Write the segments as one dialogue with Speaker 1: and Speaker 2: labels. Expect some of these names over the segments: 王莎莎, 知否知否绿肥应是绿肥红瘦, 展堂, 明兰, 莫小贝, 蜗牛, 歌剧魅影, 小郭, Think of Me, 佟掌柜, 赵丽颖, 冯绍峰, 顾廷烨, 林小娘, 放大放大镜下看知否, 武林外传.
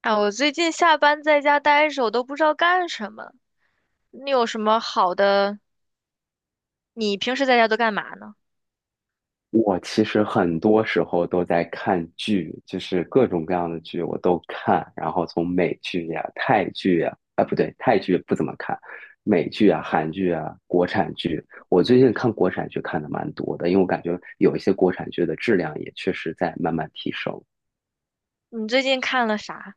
Speaker 1: 哎，我最近下班在家待着，我都不知道干什么。你有什么好的？你平时在家都干嘛呢？
Speaker 2: 我其实很多时候都在看剧，就是各种各样的剧我都看，然后从美剧呀、泰剧呀，啊不对，泰剧不怎么看，美剧啊、韩剧啊、国产剧，我最近看国产剧看的蛮多的，因为我感觉有一些国产剧的质量也确实在慢慢提升。
Speaker 1: 你最近看了啥？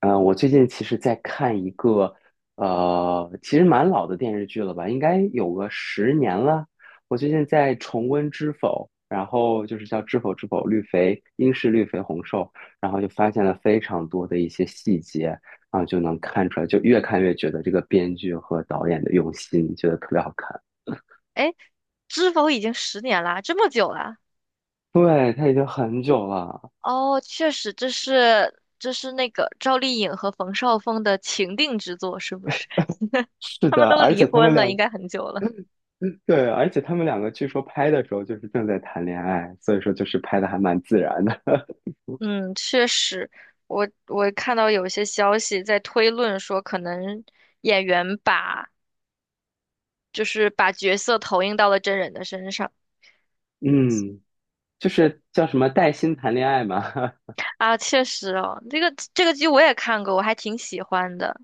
Speaker 2: 嗯，我最近其实在看一个，其实蛮老的电视剧了吧，应该有个10年了。我最近在重温《知否》，然后就是叫《知否知否绿肥应是绿肥红瘦》，然后就发现了非常多的一些细节，然后就能看出来，就越看越觉得这个编剧和导演的用心，觉得特别好看。
Speaker 1: 哎，知否已经10年啦，这么久啦？
Speaker 2: 对，他已经很久了，
Speaker 1: 哦，确实，这是那个赵丽颖和冯绍峰的情定之作，是不是？
Speaker 2: 是
Speaker 1: 他们
Speaker 2: 的，
Speaker 1: 都
Speaker 2: 而
Speaker 1: 离
Speaker 2: 且他们
Speaker 1: 婚了，应
Speaker 2: 两
Speaker 1: 该很久了。
Speaker 2: 对，而且他们两个据说拍的时候就是正在谈恋爱，所以说就是拍的还蛮自然的。
Speaker 1: 嗯，确实，我看到有些消息在推论说，可能演员把就是把角色投影到了真人的身上。
Speaker 2: 嗯，就是叫什么带薪谈恋爱嘛，
Speaker 1: 啊，确实哦，这个剧我也看过，我还挺喜欢的。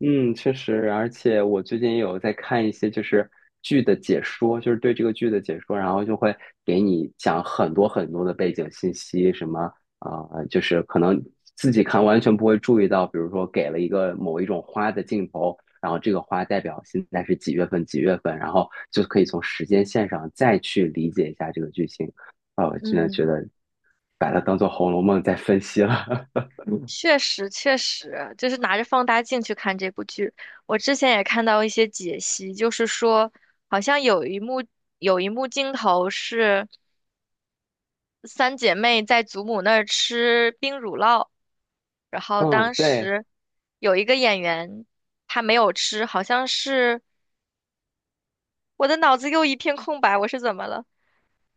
Speaker 2: 嗯，确实，而且我最近也有在看一些就是剧的解说，就是对这个剧的解说，然后就会给你讲很多很多的背景信息，什么啊、就是可能自己看完全不会注意到，比如说给了一个某一种花的镜头，然后这个花代表现在是几月份几月份，然后就可以从时间线上再去理解一下这个剧情，啊、我真的觉
Speaker 1: 嗯，
Speaker 2: 得把它当做《红楼梦》在分析了。
Speaker 1: 确实，确实，就是拿着放大镜去看这部剧。我之前也看到一些解析，就是说，好像有一幕镜头是三姐妹在祖母那儿吃冰乳酪，然后
Speaker 2: 嗯，
Speaker 1: 当
Speaker 2: 对，
Speaker 1: 时有一个演员他没有吃，好像是我的脑子又一片空白，我是怎么了？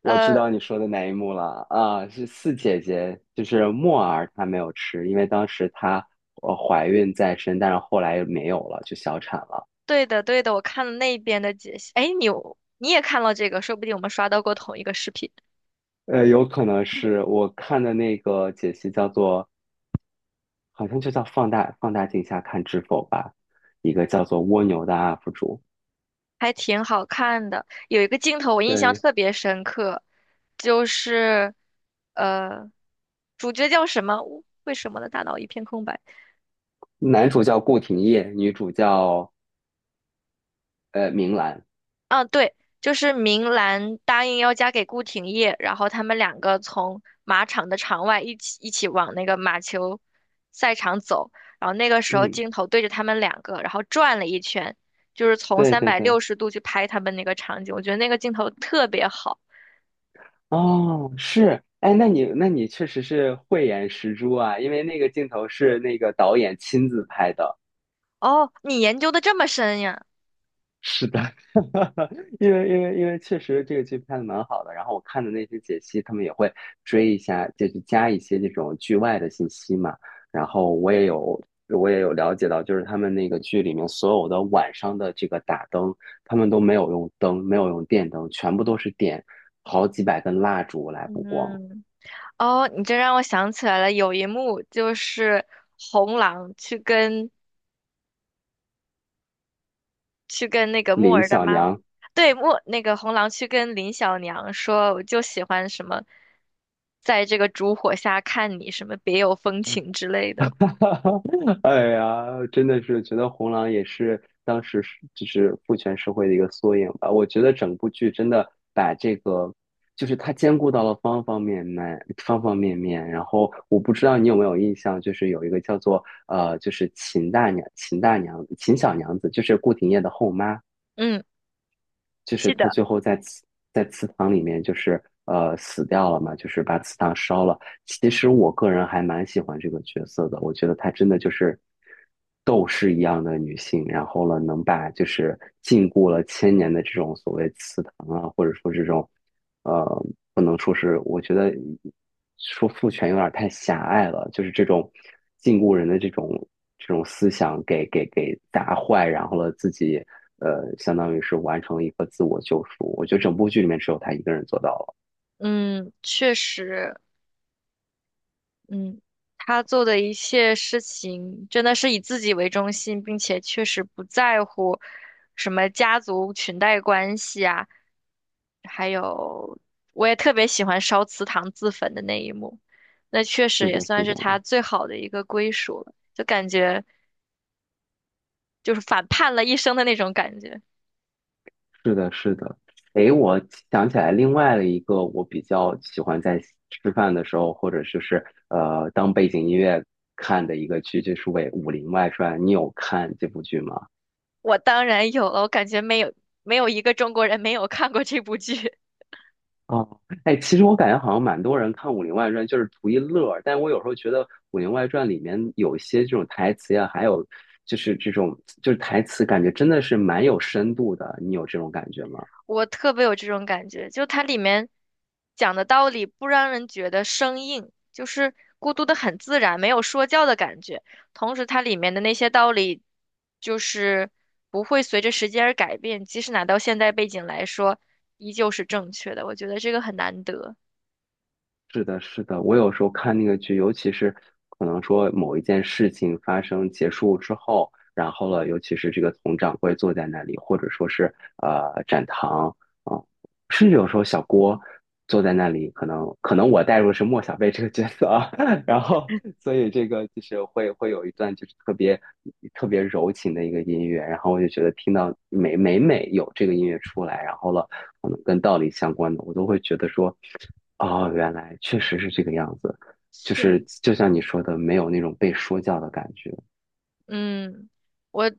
Speaker 2: 我
Speaker 1: 呃。
Speaker 2: 知道你说的哪一幕了啊，是四姐姐，就是墨儿她没有吃，因为当时她怀孕在身，但是后来没有了，就小产了。
Speaker 1: 对的，对的，我看了那边的解析。哎，你也看了这个，说不定我们刷到过同一个视频，
Speaker 2: 有可能是我看的那个解析叫做，好像就叫放大镜下看知否吧，一个叫做蜗牛的 UP 主，
Speaker 1: 还挺好看的。有一个镜头我印象
Speaker 2: 对，
Speaker 1: 特别深刻，就是呃，主角叫什么？为什么我的大脑一片空白？
Speaker 2: 男主叫顾廷烨，女主叫明兰，
Speaker 1: 嗯，啊对，就是明兰答应要嫁给顾廷烨，然后他们两个从马场的场外一起往那个马球赛场走，然后那个时候
Speaker 2: 嗯，
Speaker 1: 镜头对着他们两个，然后转了一圈，就是从
Speaker 2: 对
Speaker 1: 三
Speaker 2: 对
Speaker 1: 百
Speaker 2: 对。
Speaker 1: 六十度去拍他们那个场景，我觉得那个镜头特别好。
Speaker 2: 哦，是，哎，那你确实是慧眼识珠啊，因为那个镜头是那个导演亲自拍的。
Speaker 1: 哦，你研究的这么深呀？
Speaker 2: 是的，因为确实这个剧拍的蛮好的，然后我看的那些解析，他们也会追一下，就是加一些这种剧外的信息嘛。然后我也有了解到，就是他们那个剧里面所有的晚上的这个打灯，他们都没有用灯，没有用电灯，全部都是点好几百根蜡烛来补光。
Speaker 1: 嗯，哦，你这让我想起来了，有一幕就是红狼去跟那个木
Speaker 2: 林
Speaker 1: 儿的
Speaker 2: 小
Speaker 1: 妈妈，
Speaker 2: 娘。
Speaker 1: 对，木，那个红狼去跟林小娘说，我就喜欢什么，在这个烛火下看你，什么别有风情之类的。
Speaker 2: 哎呀，真的是觉得红狼也是当时是就是父权社会的一个缩影吧。我觉得整部剧真的把这个，就是它兼顾到了方方面面、方方面面。然后我不知道你有没有印象，就是有一个叫做就是秦小娘子，就是顾廷烨的后妈。
Speaker 1: 嗯，
Speaker 2: 就是
Speaker 1: 记
Speaker 2: 他
Speaker 1: 得，
Speaker 2: 最后在祠堂里面，就是死掉了嘛，就是把祠堂烧了。其实我个人还蛮喜欢这个角色的，我觉得她真的就是斗士一样的女性，然后呢，能把就是禁锢了千年的这种所谓祠堂啊，或者说这种。呃，不能说是，我觉得说父权有点太狭隘了，就是这种禁锢人的这种思想给砸坏，然后了自己相当于是完成了一个自我救赎。我觉得整部剧里面只有他一个人做到了。
Speaker 1: 嗯，确实。嗯，他做的一切事情真的是以自己为中心，并且确实不在乎什么家族裙带关系啊，还有我也特别喜欢烧祠堂自焚的那一幕，那确实
Speaker 2: 是
Speaker 1: 也
Speaker 2: 的，是
Speaker 1: 算是
Speaker 2: 的，
Speaker 1: 他最好的一个归属了，就感觉就是反叛了一生的那种感觉。
Speaker 2: 是的，是的。诶，我想起来另外的一个，我比较喜欢在吃饭的时候，或者就是当背景音乐看的一个剧，就是为《武林外传》。你有看这部剧吗？
Speaker 1: 我当然有了，我感觉没有一个中国人没有看过这部剧。
Speaker 2: 哦，哎，其实我感觉好像蛮多人看《武林外传》就是图一乐儿，但我有时候觉得《武林外传》里面有一些这种台词呀，还有就是这种就是台词，感觉真的是蛮有深度的。你有这种感觉吗？
Speaker 1: 我特别有这种感觉，就它里面讲的道理不让人觉得生硬，就是孤独的很自然，没有说教的感觉。同时，它里面的那些道理就是不会随着时间而改变，即使拿到现代背景来说，依旧是正确的。我觉得这个很难得。
Speaker 2: 是的，是的，我有时候看那个剧，尤其是可能说某一件事情发生结束之后，然后了，尤其是这个佟掌柜坐在那里，或者说是展堂啊、甚至有时候小郭坐在那里，可能我带入的是莫小贝这个角色啊，然后所以这个就是会有一段就是特别特别柔情的一个音乐，然后我就觉得听到每每有这个音乐出来，然后了可能跟道理相关的，我都会觉得说。哦，原来确实是这个样子，就
Speaker 1: 确
Speaker 2: 是就像你说的，没有那种被说教的感觉。
Speaker 1: 嗯，我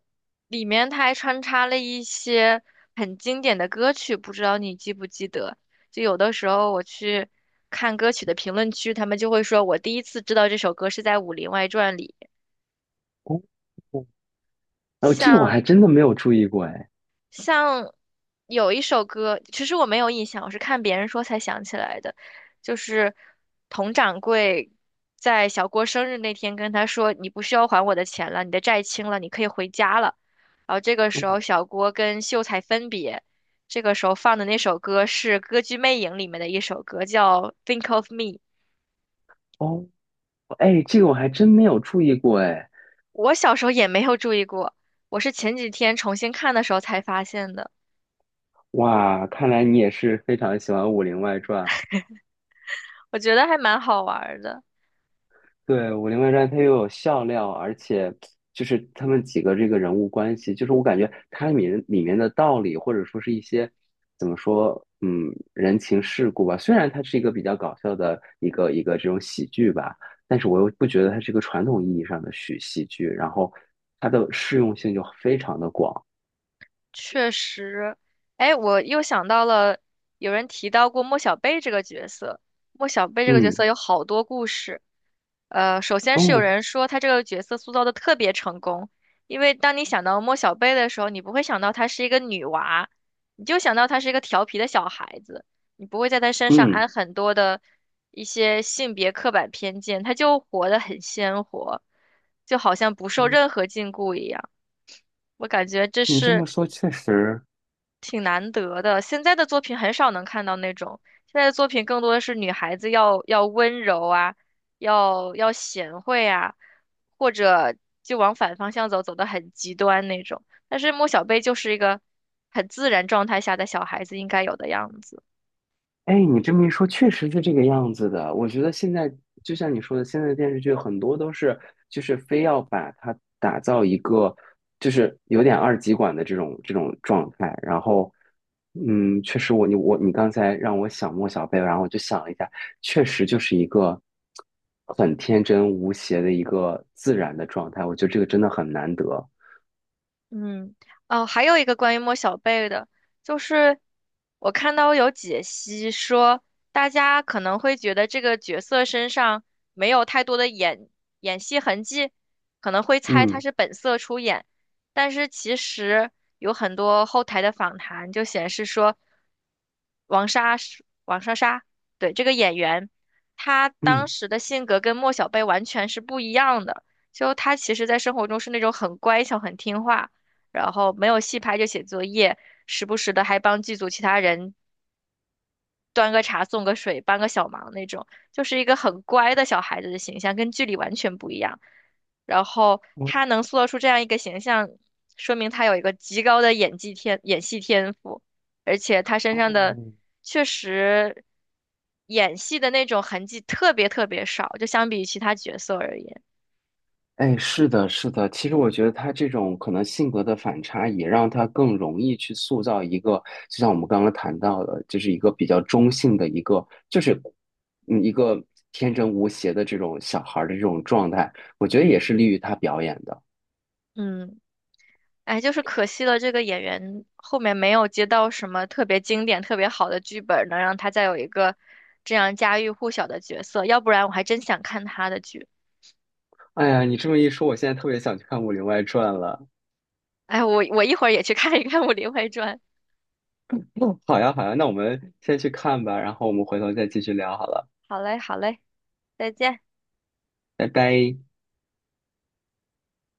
Speaker 1: 里面他还穿插了一些很经典的歌曲，不知道你记不记得？就有的时候我去看歌曲的评论区，他们就会说我第一次知道这首歌是在《武林外传》里，
Speaker 2: 哦，哦，哦，这个我
Speaker 1: 像
Speaker 2: 还真的没有注意过，哎，
Speaker 1: 像有一首歌，其实我没有印象，我是看别人说才想起来的，就是佟掌柜在小郭生日那天跟他说："你不需要还我的钱了，你的债清了，你可以回家了。"然后这个时
Speaker 2: 嗯
Speaker 1: 候小郭跟秀才分别，这个时候放的那首歌是《歌剧魅影》里面的一首歌，叫《Think of Me》。
Speaker 2: 哦，哎，这个我还真没有注意过，哎，
Speaker 1: 我小时候也没有注意过，我是前几天重新看的时候才发现的，
Speaker 2: 哇，看来你也是非常喜欢《武林外传》。
Speaker 1: 我觉得还蛮好玩儿的。
Speaker 2: 对，《武林外传》它又有笑料，而且就是他们几个这个人物关系，就是我感觉它里面的道理，或者说是一些怎么说，嗯，人情世故吧。虽然它是一个比较搞笑的一个这种喜剧吧，但是我又不觉得它是一个传统意义上的喜剧，然后它的适用性就非常的广。
Speaker 1: 确实，哎，我又想到了，有人提到过莫小贝这个角色。莫小贝这个角色
Speaker 2: 嗯，
Speaker 1: 有好多故事。首先是有
Speaker 2: 哦，
Speaker 1: 人说他这个角色塑造的特别成功，因为当你想到莫小贝的时候，你不会想到她是一个女娃，你就想到她是一个调皮的小孩子，你不会在她身上
Speaker 2: 嗯，
Speaker 1: 安很多的一些性别刻板偏见，她就活得很鲜活，就好像不受任
Speaker 2: 哦
Speaker 1: 何禁锢一样。我感觉这
Speaker 2: 你这么
Speaker 1: 是。
Speaker 2: 说确实，
Speaker 1: 挺难得的。现在的作品很少能看到那种，现在的作品更多的是女孩子要温柔啊，要贤惠啊，或者就往反方向走，走得很极端那种。但是莫小贝就是一个很自然状态下的小孩子应该有的样子。
Speaker 2: 哎，你这么一说，确实是这个样子的。我觉得现在就像你说的，现在的电视剧很多都是，就是非要把它打造一个，就是有点二极管的这种状态。然后，嗯，确实我你我你刚才让我想莫小贝，然后我就想了一下，确实就是一个很天真无邪的一个自然的状态。我觉得这个真的很难得。
Speaker 1: 嗯，哦，还有一个关于莫小贝的，就是我看到有解析说，大家可能会觉得这个角色身上没有太多的演戏痕迹，可能会猜他
Speaker 2: 嗯
Speaker 1: 是本色出演，但是其实有很多后台的访谈就显示说，王莎莎，对，这个演员，她当
Speaker 2: 嗯，
Speaker 1: 时的性格跟莫小贝完全是不一样的。就她其实，在生活中是那种很乖巧、很听话，然后没有戏拍就写作业，时不时的还帮剧组其他人端个茶、送个水、帮个小忙那种，就是一个很乖的小孩子的形象，跟剧里完全不一样。然后他能塑造出这样一个形象，说明他有一个极高的演技天、演戏天赋，而且他身上的
Speaker 2: 哦，
Speaker 1: 确实演戏的那种痕迹特别特别少，就相比于其他角色而言，
Speaker 2: 哎，是的，是的。其实我觉得他这种可能性格的反差，也让他更容易去塑造一个，就像我们刚刚谈到的，就是一个比较中性的一个，就是一个天真无邪的这种小孩儿的这种状态。我觉得也是利于他表演的。
Speaker 1: 嗯。哎，就是可惜了，这个演员后面没有接到什么特别经典、特别好的剧本，能让他再有一个这样家喻户晓的角色。要不然我还真想看他的剧。
Speaker 2: 哎呀，你这么一说，我现在特别想去看《武林外传》了。
Speaker 1: 哎，我一会儿也去看一看《武林外传》。
Speaker 2: 嗯，好呀，好呀，那我们先去看吧，然后我们回头再继续聊好了，
Speaker 1: 好嘞，好嘞，再见。
Speaker 2: 拜拜。